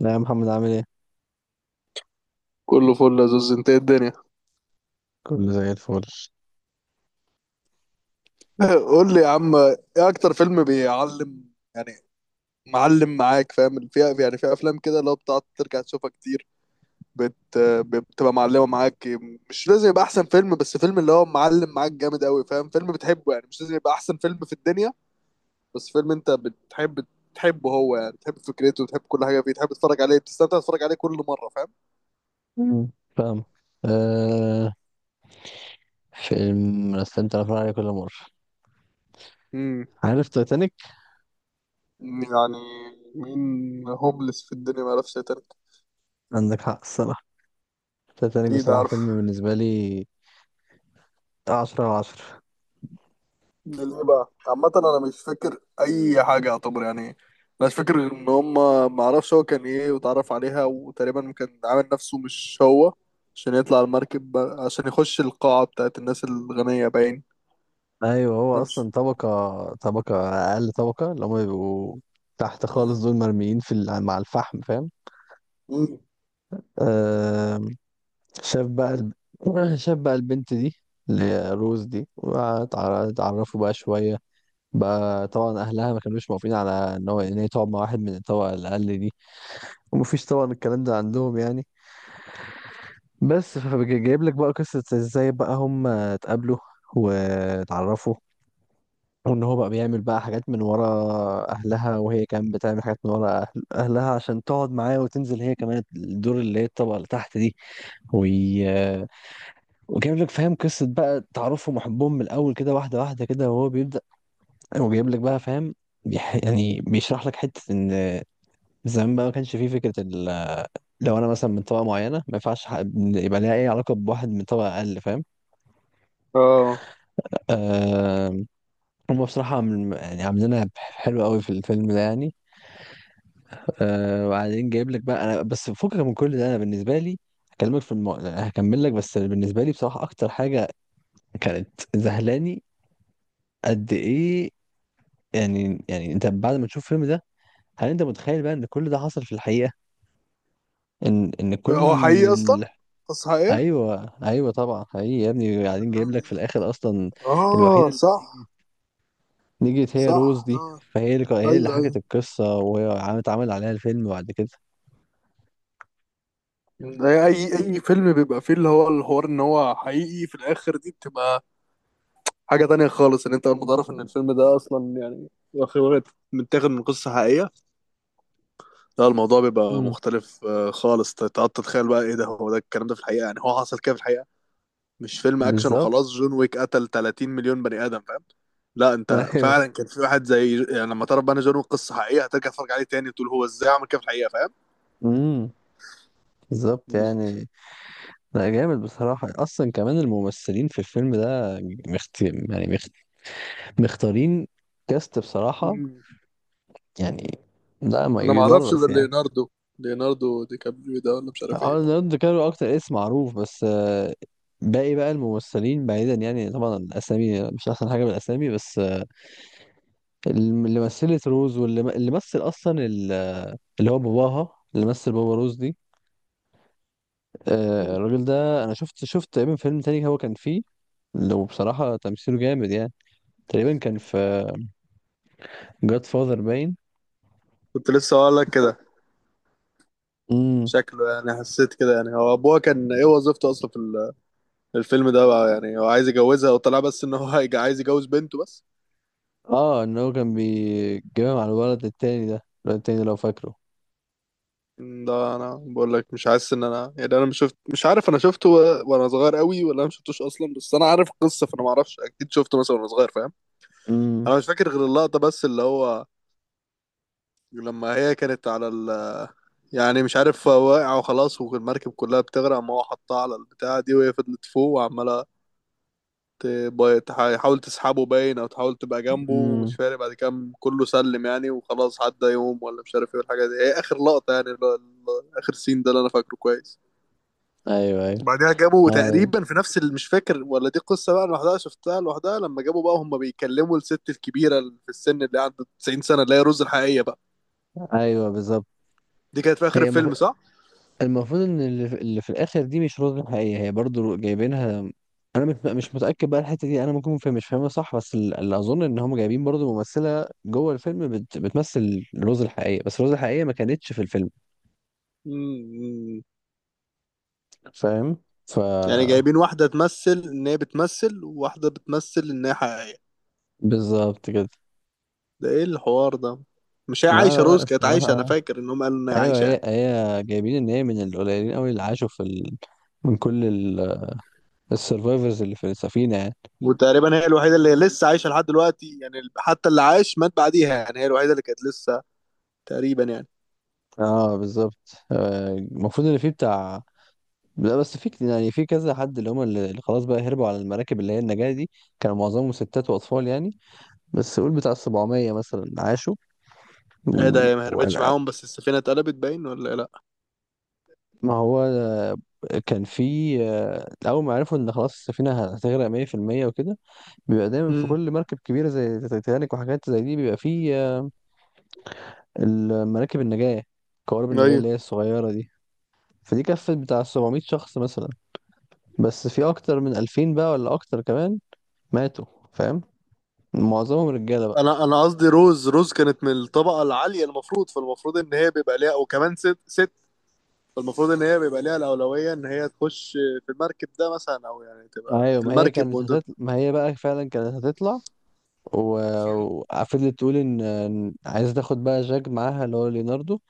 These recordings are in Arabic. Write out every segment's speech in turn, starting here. لا يا محمد، عامل ايه؟ كله فل يا زوز، انت ايه الدنيا؟ كله زي الفل. قول لي يا عم، ايه اكتر فيلم بيعلم يعني، معلم معاك، فاهم فيها؟ يعني فيها افلام كده اللي هو بتقعد ترجع تشوفها كتير. بت... بتبقى معلمه معاك. مش لازم يبقى احسن فيلم، بس فيلم اللي هو معلم معاك جامد قوي، فاهم؟ فيلم بتحبه يعني، مش لازم يبقى احسن فيلم في الدنيا، بس فيلم انت بتحب تحبه هو، يعني تحب فكرته وتحب كل حاجه فيه، تحب تتفرج عليه، بتستمتع تتفرج عليه كل مره، فاهم؟ مم. فاهم. آه. فيلم رسمت الأفلام عليه كل مرة. امم. عارف تايتانيك؟ يعني مين هوملس في الدنيا ما يعرفش يترك؟ عندك حق الصراحة. تايتانيك اكيد بصراحة عارف. فيلم بالنسبة لي عشرة على عشرة. ده ليه بقى؟ عامة انا مش فاكر اي حاجة يعتبر، يعني مش فاكر غير ان هما معرفش هو كان ايه، واتعرف عليها، وتقريبا كان عامل نفسه مش هو عشان يطلع المركب عشان يخش القاعة بتاعت الناس الغنية باين. أيوة، هو أنا مش- أصلا طبقة طبقة، أقل طبقة اللي هما بيبقوا تحت خالص، دول مرميين في مع الفحم، فاهم؟ مم. آه. شاف بقى الب... شاف بقى البنت دي، اللي هي روز دي، وتعرفوا بقى شوية. بقى طبعا اهلها ما كانوش موافقين على ان هي تقعد مع واحد من الطبقه الاقل دي. ومفيش طبعا الكلام ده عندهم يعني. بس فجايب لك بقى قصه ازاي بقى هم اتقابلوا واتعرفوا، وان هو بقى بيعمل بقى حاجات من ورا اهلها، وهي كانت بتعمل حاجات من ورا اهلها عشان تقعد معاه وتنزل هي كمان الدور اللي هي الطبقه اللي تحت دي. وي... وجايب لك فاهم قصه بقى تعرفهم وحبهم من الاول كده، واحده واحده كده، وهو بيبدا. وجايب لك بقى فاهم. يعني بيشرح لك حته ان زمان بقى ما كانش فيه فكرة لو أنا مثلا من طبقة معينة ما ينفعش يبقى ليها أي علاقة بواحد من طبقة أقل، فاهم. اه، أه... هم بصراحة يعني عاملينها حلوة قوي في الفيلم ده يعني. وبعدين جايب لك بقى أنا بس فكك من كل ده، أنا بالنسبة لي هكمل لك. بس بالنسبة لي بصراحة أكتر حاجة كانت ذهلاني قد إيه، يعني أنت بعد ما تشوف الفيلم ده، هل أنت متخيل بقى إن كل ده حصل في الحقيقة؟ ان كل... هو حقيقي اصلا، قصة حقيقية. ايوه ايوه طبعا، حقيقي يا ابني، قاعدين جايب لك في بالله. الاخر اصلا. الوحيده اه اللي صح. نجت هي صح روز دي. اه. فهي اللي ايوه حكت ايوه. القصه، وهي اتعمل عليها الفيلم بعد كده. ده اي فيلم بيبقى فيه اللي هو الحوار ان هو حقيقي في الاخر، دي بتبقى حاجة تانية خالص. ان انت اول ما تعرف ان الفيلم ده اصلا يعني متاخد من قصة حقيقية، لا، الموضوع بيبقى امم. مختلف خالص تقعد تتخيل بقى ايه ده، هو ده الكلام ده في الحقيقة؟ يعني هو حصل كده في الحقيقة، مش فيلم اكشن وخلاص. بالظبط. جون ويك قتل 30 مليون بني ادم، فاهم؟ لا انت ايوه. فعلا كان في واحد زي، يعني لما تعرف بقى ان جون ويك قصة حقيقية هترجع تتفرج عليه تاني وتقول هو ازاي عمل كده في الحقيقة، فاهم؟ امم. بالظبط بالظبط. يعني. لا، جامد بصراحه، اصلا كمان الممثلين في الفيلم ده مخت... يعني مخت... مختارين، كاست بصراحه مم. يعني. لا ما انا ما اعرفش يدرس غير يعني. ليوناردو، ليوناردو دي كابريو ده، ولا مش عارف ايه اه ده. ليوناردو دي كابريو اكتر اسم معروف، بس باقي بقى الممثلين بعيدا يعني، طبعا الاسامي مش احسن حاجه، بالاسامي بس اللي مثلت روز، واللي مثل اصلا اللي هو باباها، اللي مثل بابا روز دي. مم. الراجل ده انا شفت تقريبا فيلم تاني هو كان فيه. لو بصراحه تمثيله جامد يعني. تقريبا كان في جاد فاذر باين. كنت لسه هقول لك كده. امم. شكله يعني، حسيت كده، يعني هو ابوها كان ايه وظيفته اصلا في الفيلم ده بقى؟ يعني هو عايز يجوزها وطلع بس ان هو عايز يجوز بنته بس. اه ان هو كان بيتجمع مع الولد التاني ده، الولد التاني لو فاكره. ده انا بقول لك مش حاسس ان انا، يعني انا مش شفت، مش عارف انا شفته وانا صغير قوي، ولا انا ما شفتوش اصلا؟ بس انا عارف القصه، فانا ما اعرفش اكيد شفته مثلا وانا صغير، فاهم؟ امم. انا مش فاكر غير اللقطه بس، اللي هو لما هي كانت على ال، يعني مش عارف واقعه وخلاص والمركب كلها بتغرق، ما هو حطها على البتاعه دي وهي فضلت فوق وعماله تحاول تسحبه باين، او تحاول تبقى جنبه مش امم. فارق. بعد كده كله سلم يعني وخلاص، عدى يوم ولا مش عارف ايه، والحاجه دي هي اخر لقطه، يعني اللي هو اخر سين ده اللي انا فاكره كويس. ايوه ايوه. بعدها جابوا اه تقريبا في نفس اللي، مش فاكر ولا دي قصه بقى لوحدها شفتها لوحدها، لما جابوا بقى هم بيكلموا الست الكبيره اللي في السن اللي عندها 90 سنه، اللي هي رز الحقيقيه بقى. ايوه بالظبط. دي كانت في اخر هي مف... الفيلم، صح؟ المفروض ان اللي في الاخر دي مش رؤية حقيقية، هي برضو جايبينها. انا مش متأكد بقى الحتة دي، انا ممكن فاهم مش فاهمها صح، بس اللي اظن ان هم جايبين برضو ممثلة جوه الفيلم بتمثل روز الحقيقية، بس روز الحقيقية ما كانتش في الفيلم، امم. فاهم. ف... يعني جايبين واحده تمثل ان هي بتمثل، وواحده بتمثل ان هي حقيقيه؟ بالظبط كده. ده ايه الحوار ده؟ مش هي لا عايشه؟ لا لا روز كانت عايشه، انا الصراحة، فاكر انهم قالوا ان هي ايوه عايشه هي يعني. هي جايبين ان هي من القليلين قوي اللي عاشوا في من كل السرفايفرز اللي في السفينة يعني. وتقريبا هي الوحيده اللي لسه عايشه لحد دلوقتي يعني، حتى اللي عاش مات بعديها، يعني هي الوحيده اللي كانت لسه، تقريبا يعني. اه بالظبط، المفروض ان في بتاع... لا بس في يعني في كذا حد، اللي هم اللي خلاص بقى هربوا على المراكب اللي هي النجاة دي. كانوا معظمهم ستات وأطفال يعني. بس قول بتاع 700 مثلا عاشوا. ايه ده، هي ما هربتش وأنا معاهم؟ بس السفينه اتقلبت باين ولا إيه؟ لا. ما هو كان في أول ما عرفوا إن خلاص السفينة هتغرق 100%، وكده بيبقى دايما في امم. كل مركب كبيرة زي تايتانيك وحاجات زي دي بيبقى في المراكب النجاة، قوارب النجاة ايوه. اللي هي الصغيرة دي. فدي كفت بتاع 700 شخص مثلا، بس في أكتر من 2000 بقى، ولا أكتر كمان، ماتوا، فاهم. معظمهم رجالة. انا قصدي، روز كانت من الطبقه العاليه المفروض، فالمفروض ان هي بيبقى ليها، وكمان ست، ست، فالمفروض ان هي بيبقى ليها الاولويه ان هي تخش في المركب ده مثلا، او يعني تبقى ايوه، في ما هي المركب كانت وانت. هتطلع، ما هي بقى فعلا كانت هتطلع، و... وفضلت تقول إن عايزه تاخد بقى جاك معاها، اللي هو ليوناردو.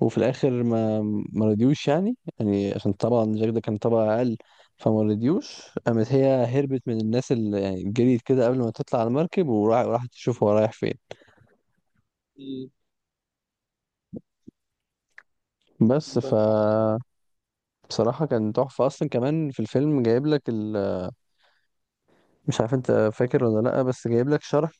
وفي الاخر ما رضيوش يعني، يعني عشان طبعا جاك ده كان طبعا اقل، فما رضيوش. قامت هي هربت من الناس، اللي يعني جريت كده قبل ما تطلع على المركب، وراحت تشوف هو رايح فين. مم. بس ف... بصراحة كان تحفة أصلا، كمان في الفيلم جايب لك مش عارف أنت فاكر ولا لأ، بس جايب لك شرح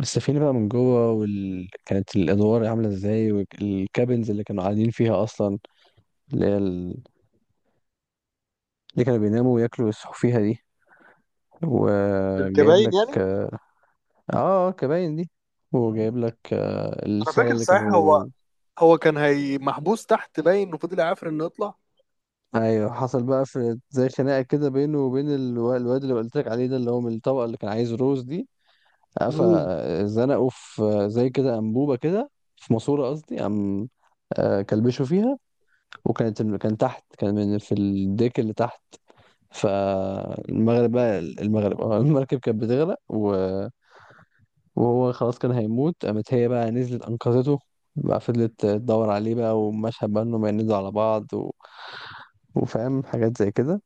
السفينة بقى من جوه، كانت الأدوار عاملة ازاي، والكابنز اللي كانوا قاعدين فيها أصلا، اللي هي ال... اللي كانوا بيناموا وياكلوا ويصحوا فيها دي. وجايب الكباين لك يعني. اه كباين دي. وجايب لك انا الصالة فاكر اللي صحيح، هو كانوا... هو كان هي محبوس تحت باين، وفضل يعافر انه يطلع. ايوه، حصل بقى في زي خناقة كده بينه وبين الواد اللي قلت لك عليه ده، اللي هو من الطبقة، اللي كان عايز روز دي. مم. فزنقوا في زي كده أنبوبة كده، في ماسورة قصدي، قام كلبشوا فيها، وكانت كان تحت كان من في الديك اللي تحت. فالمغرب بقى المغرب المركب كانت بتغرق، وهو خلاص كان هيموت، قامت هي بقى نزلت أنقذته. بقى فضلت تدور عليه بقى، ومشهد بقى انهم ينزلوا على بعض، وفاهم حاجات زي كده.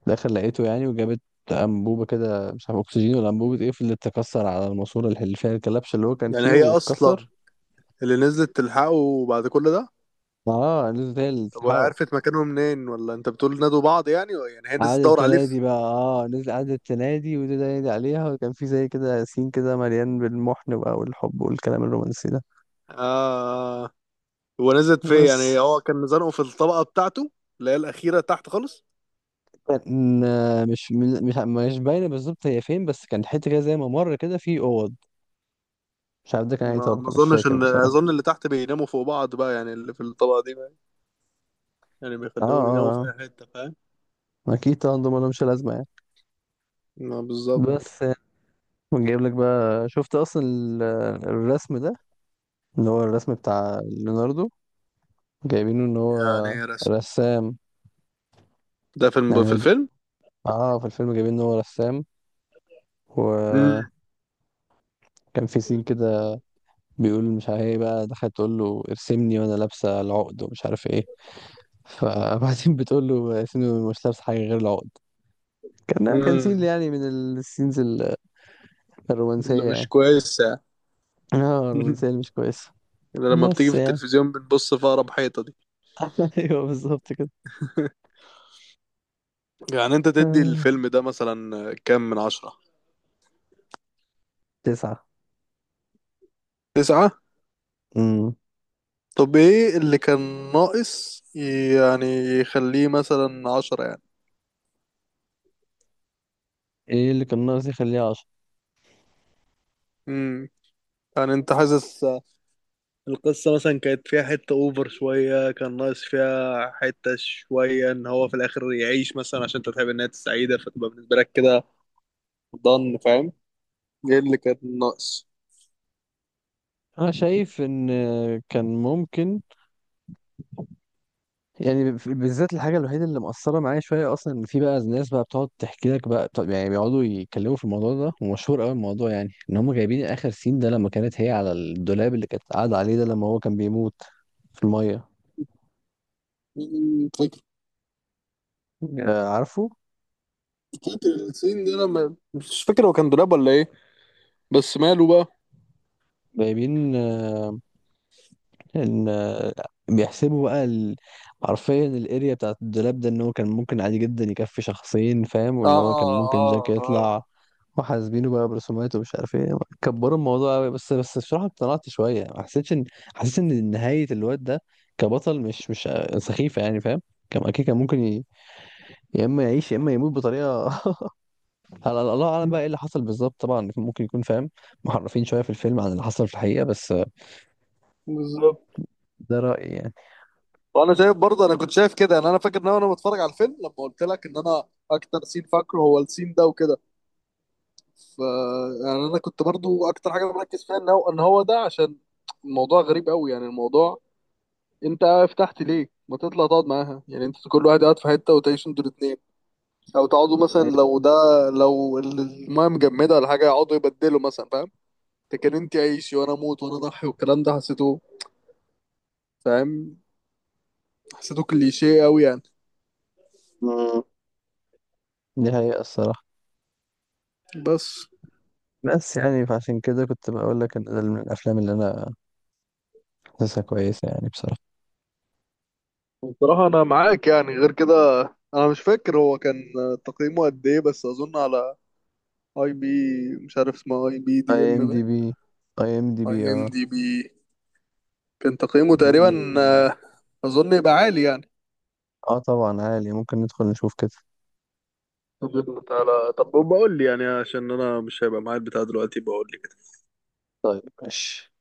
في الآخر لقيته يعني، وجابت أنبوبة كده، مش عارف أكسجين ولا أنبوبة إيه، فضلت تكسر على الماسورة اللي فيها الكلبش اللي هو كان يعني فيه، هي اصلا واتكسر. اللي نزلت تلحقه بعد كل ده؟ اه نزلت هي اللي طب وهي تلحقه. عرفت مكانه منين؟ ولا انت بتقول نادوا بعض، يعني يعني هي عاد نزلت تدور عليه السنة دي في. بقى، اه نزل عاد السنة دي، وده نادي عليها، وكان في زي كده ياسين كده مليان بالمحن بقى والحب والكلام الرومانسي ده. آه. هو نزلت فين يعني؟ بس هو كان زنقه في الطبقة بتاعته اللي هي الأخيرة تحت خالص. كان مش باينة بالظبط هي فين، بس كان حتة كده زي ما مر كده في أوض، مش عارف ده كان أي ما طبقة، مش اظنش، فاكر ان بصراحة. اظن اللي تحت بيناموا فوق بعض بقى، يعني اللي في الطبقة دي بقى، يعني اه بيخليهم يناموا في اه. اي حتة، فاهم؟ آه. أكيد طبعا دول مالهمش لازمة يعني. ما بالظبط. بس ونجيب لك بقى شفت أصلا الرسم ده، اللي هو الرسم بتاع ليوناردو، جايبينه إن يعني هو هي رسم رسام، ده يعني في الفيلم؟ اه في الفيلم جايبين إن هو رسام، وكان في سين كده بيقول مش عارف ايه بقى، دخلت تقول له ارسمني وانا لابسه العقد ومش عارف ايه، فبعدين بتقول له ارسمني وأنا مش لابسه حاجه غير العقد. كان سين امم. يعني من السينز اللي الرومانسيه مش يعني. كويسة يعني. اه الرومانسيه اللي مش كويسه. يعني لما بتيجي بس في يعني. التلفزيون بنبص في أقرب حيطة دي. ايوه بالظبط كده. يعني أنت تدي آه. الفيلم ده مثلا 10؟ تسعة. تسعة؟ امم. طب إيه اللي كان ناقص يعني، يخليه 10 يعني؟ ايه اللي كان ناقص يخليها عشرة؟ امم. يعني أنت حاسس القصة مثلا كانت فيها حتة أوفر شوية، كان ناقص فيها حتة شوية إن هو في الآخر يعيش مثلا، عشان أنت تحب إنها سعيدة فتبقى بالنسبة لك كده، ضن، فاهم؟ إيه اللي كان ناقص؟ انا شايف ان كان ممكن، يعني بالذات الحاجة الوحيدة اللي مأثرة معايا شوية أصلا، إن في بقى ناس بقى بتقعد تحكي لك بقى طب، يعني بيقعدوا يتكلموا في الموضوع ده، ومشهور أوي الموضوع، يعني إن هم جايبين آخر سين ده لما كانت هي على الدولاب اللي كانت قاعدة عليه ده لما هو كان بيموت في المية. عارفه. كتر الصين ده، انا مش فاكر هو كان دولاب ولا ايه، بس ماله بقى. جايبين ان بيحسبوا بقى حرفيا الاريا بتاعت الدولاب ده ان هو كان ممكن عادي جدا يكفي شخصين، فاهم، اه وان هو كان ممكن جاك اه. اه يطلع، وحاسبينه بقى برسومات ومش عارف ايه، كبروا الموضوع قوي، بس بصراحة اقتنعت شوية، ما حسيتش ان، حسيت ان نهاية الواد ده كبطل مش سخيفة يعني فاهم. كان اكيد كان ممكن يا اما يعيش يا اما يموت بطريقة على الله اعلم بقى ايه اللي حصل بالظبط، طبعا ممكن يكون فاهم محرفين شوية في الفيلم عن اللي حصل في الحقيقة، بس بالظبط. ده رأيي يعني. وانا شايف برضه، انا كنت شايف كده يعني. انا فاكر ان انا وأنا بتفرج على الفيلم، لما قلت لك ان انا اكتر سين فاكره هو السين ده وكده، ف، يعني انا كنت برضه اكتر حاجه مركز فيها ان هو ده، عشان الموضوع غريب قوي يعني. الموضوع، انت فتحت ليه ما تطلع تقعد معاها؟ يعني انت كل واحد قاعد في حته وتعيشوا انتوا الاثنين، او تقعدوا مثلا، لو ده، لو المايه مجمده ولا حاجه يقعدوا يبدلوا مثلا، فاهم؟ ده كان انت عيشي وانا اموت وانا اضحي والكلام ده، حسيته، فاهم؟ حسيته كليشيه قوي يعني. مم. دي حقيقة الصراحة. بس بس يعني فعشان كده كنت بقول لك ان ده من الافلام اللي انا حاسسها كويسه يعني بصراحه. بصراحة أنا معاك يعني، غير كده أنا مش فاكر هو كان تقييمه قد إيه، بس أظن على أي بي، مش عارف اسمها، أي بي اي دي إم ام دي باين. بي IMDB أي إم اه. دي بي كان تقييمه تقريبا ممكن. أظن يبقى عالي يعني. اه طبعا عالي، ممكن ندخل نشوف كده. طب تعالى، طب بقول لي يعني، عشان أنا مش هيبقى معايا البتاع دلوقتي، بقول لي كده. طيب ماشي.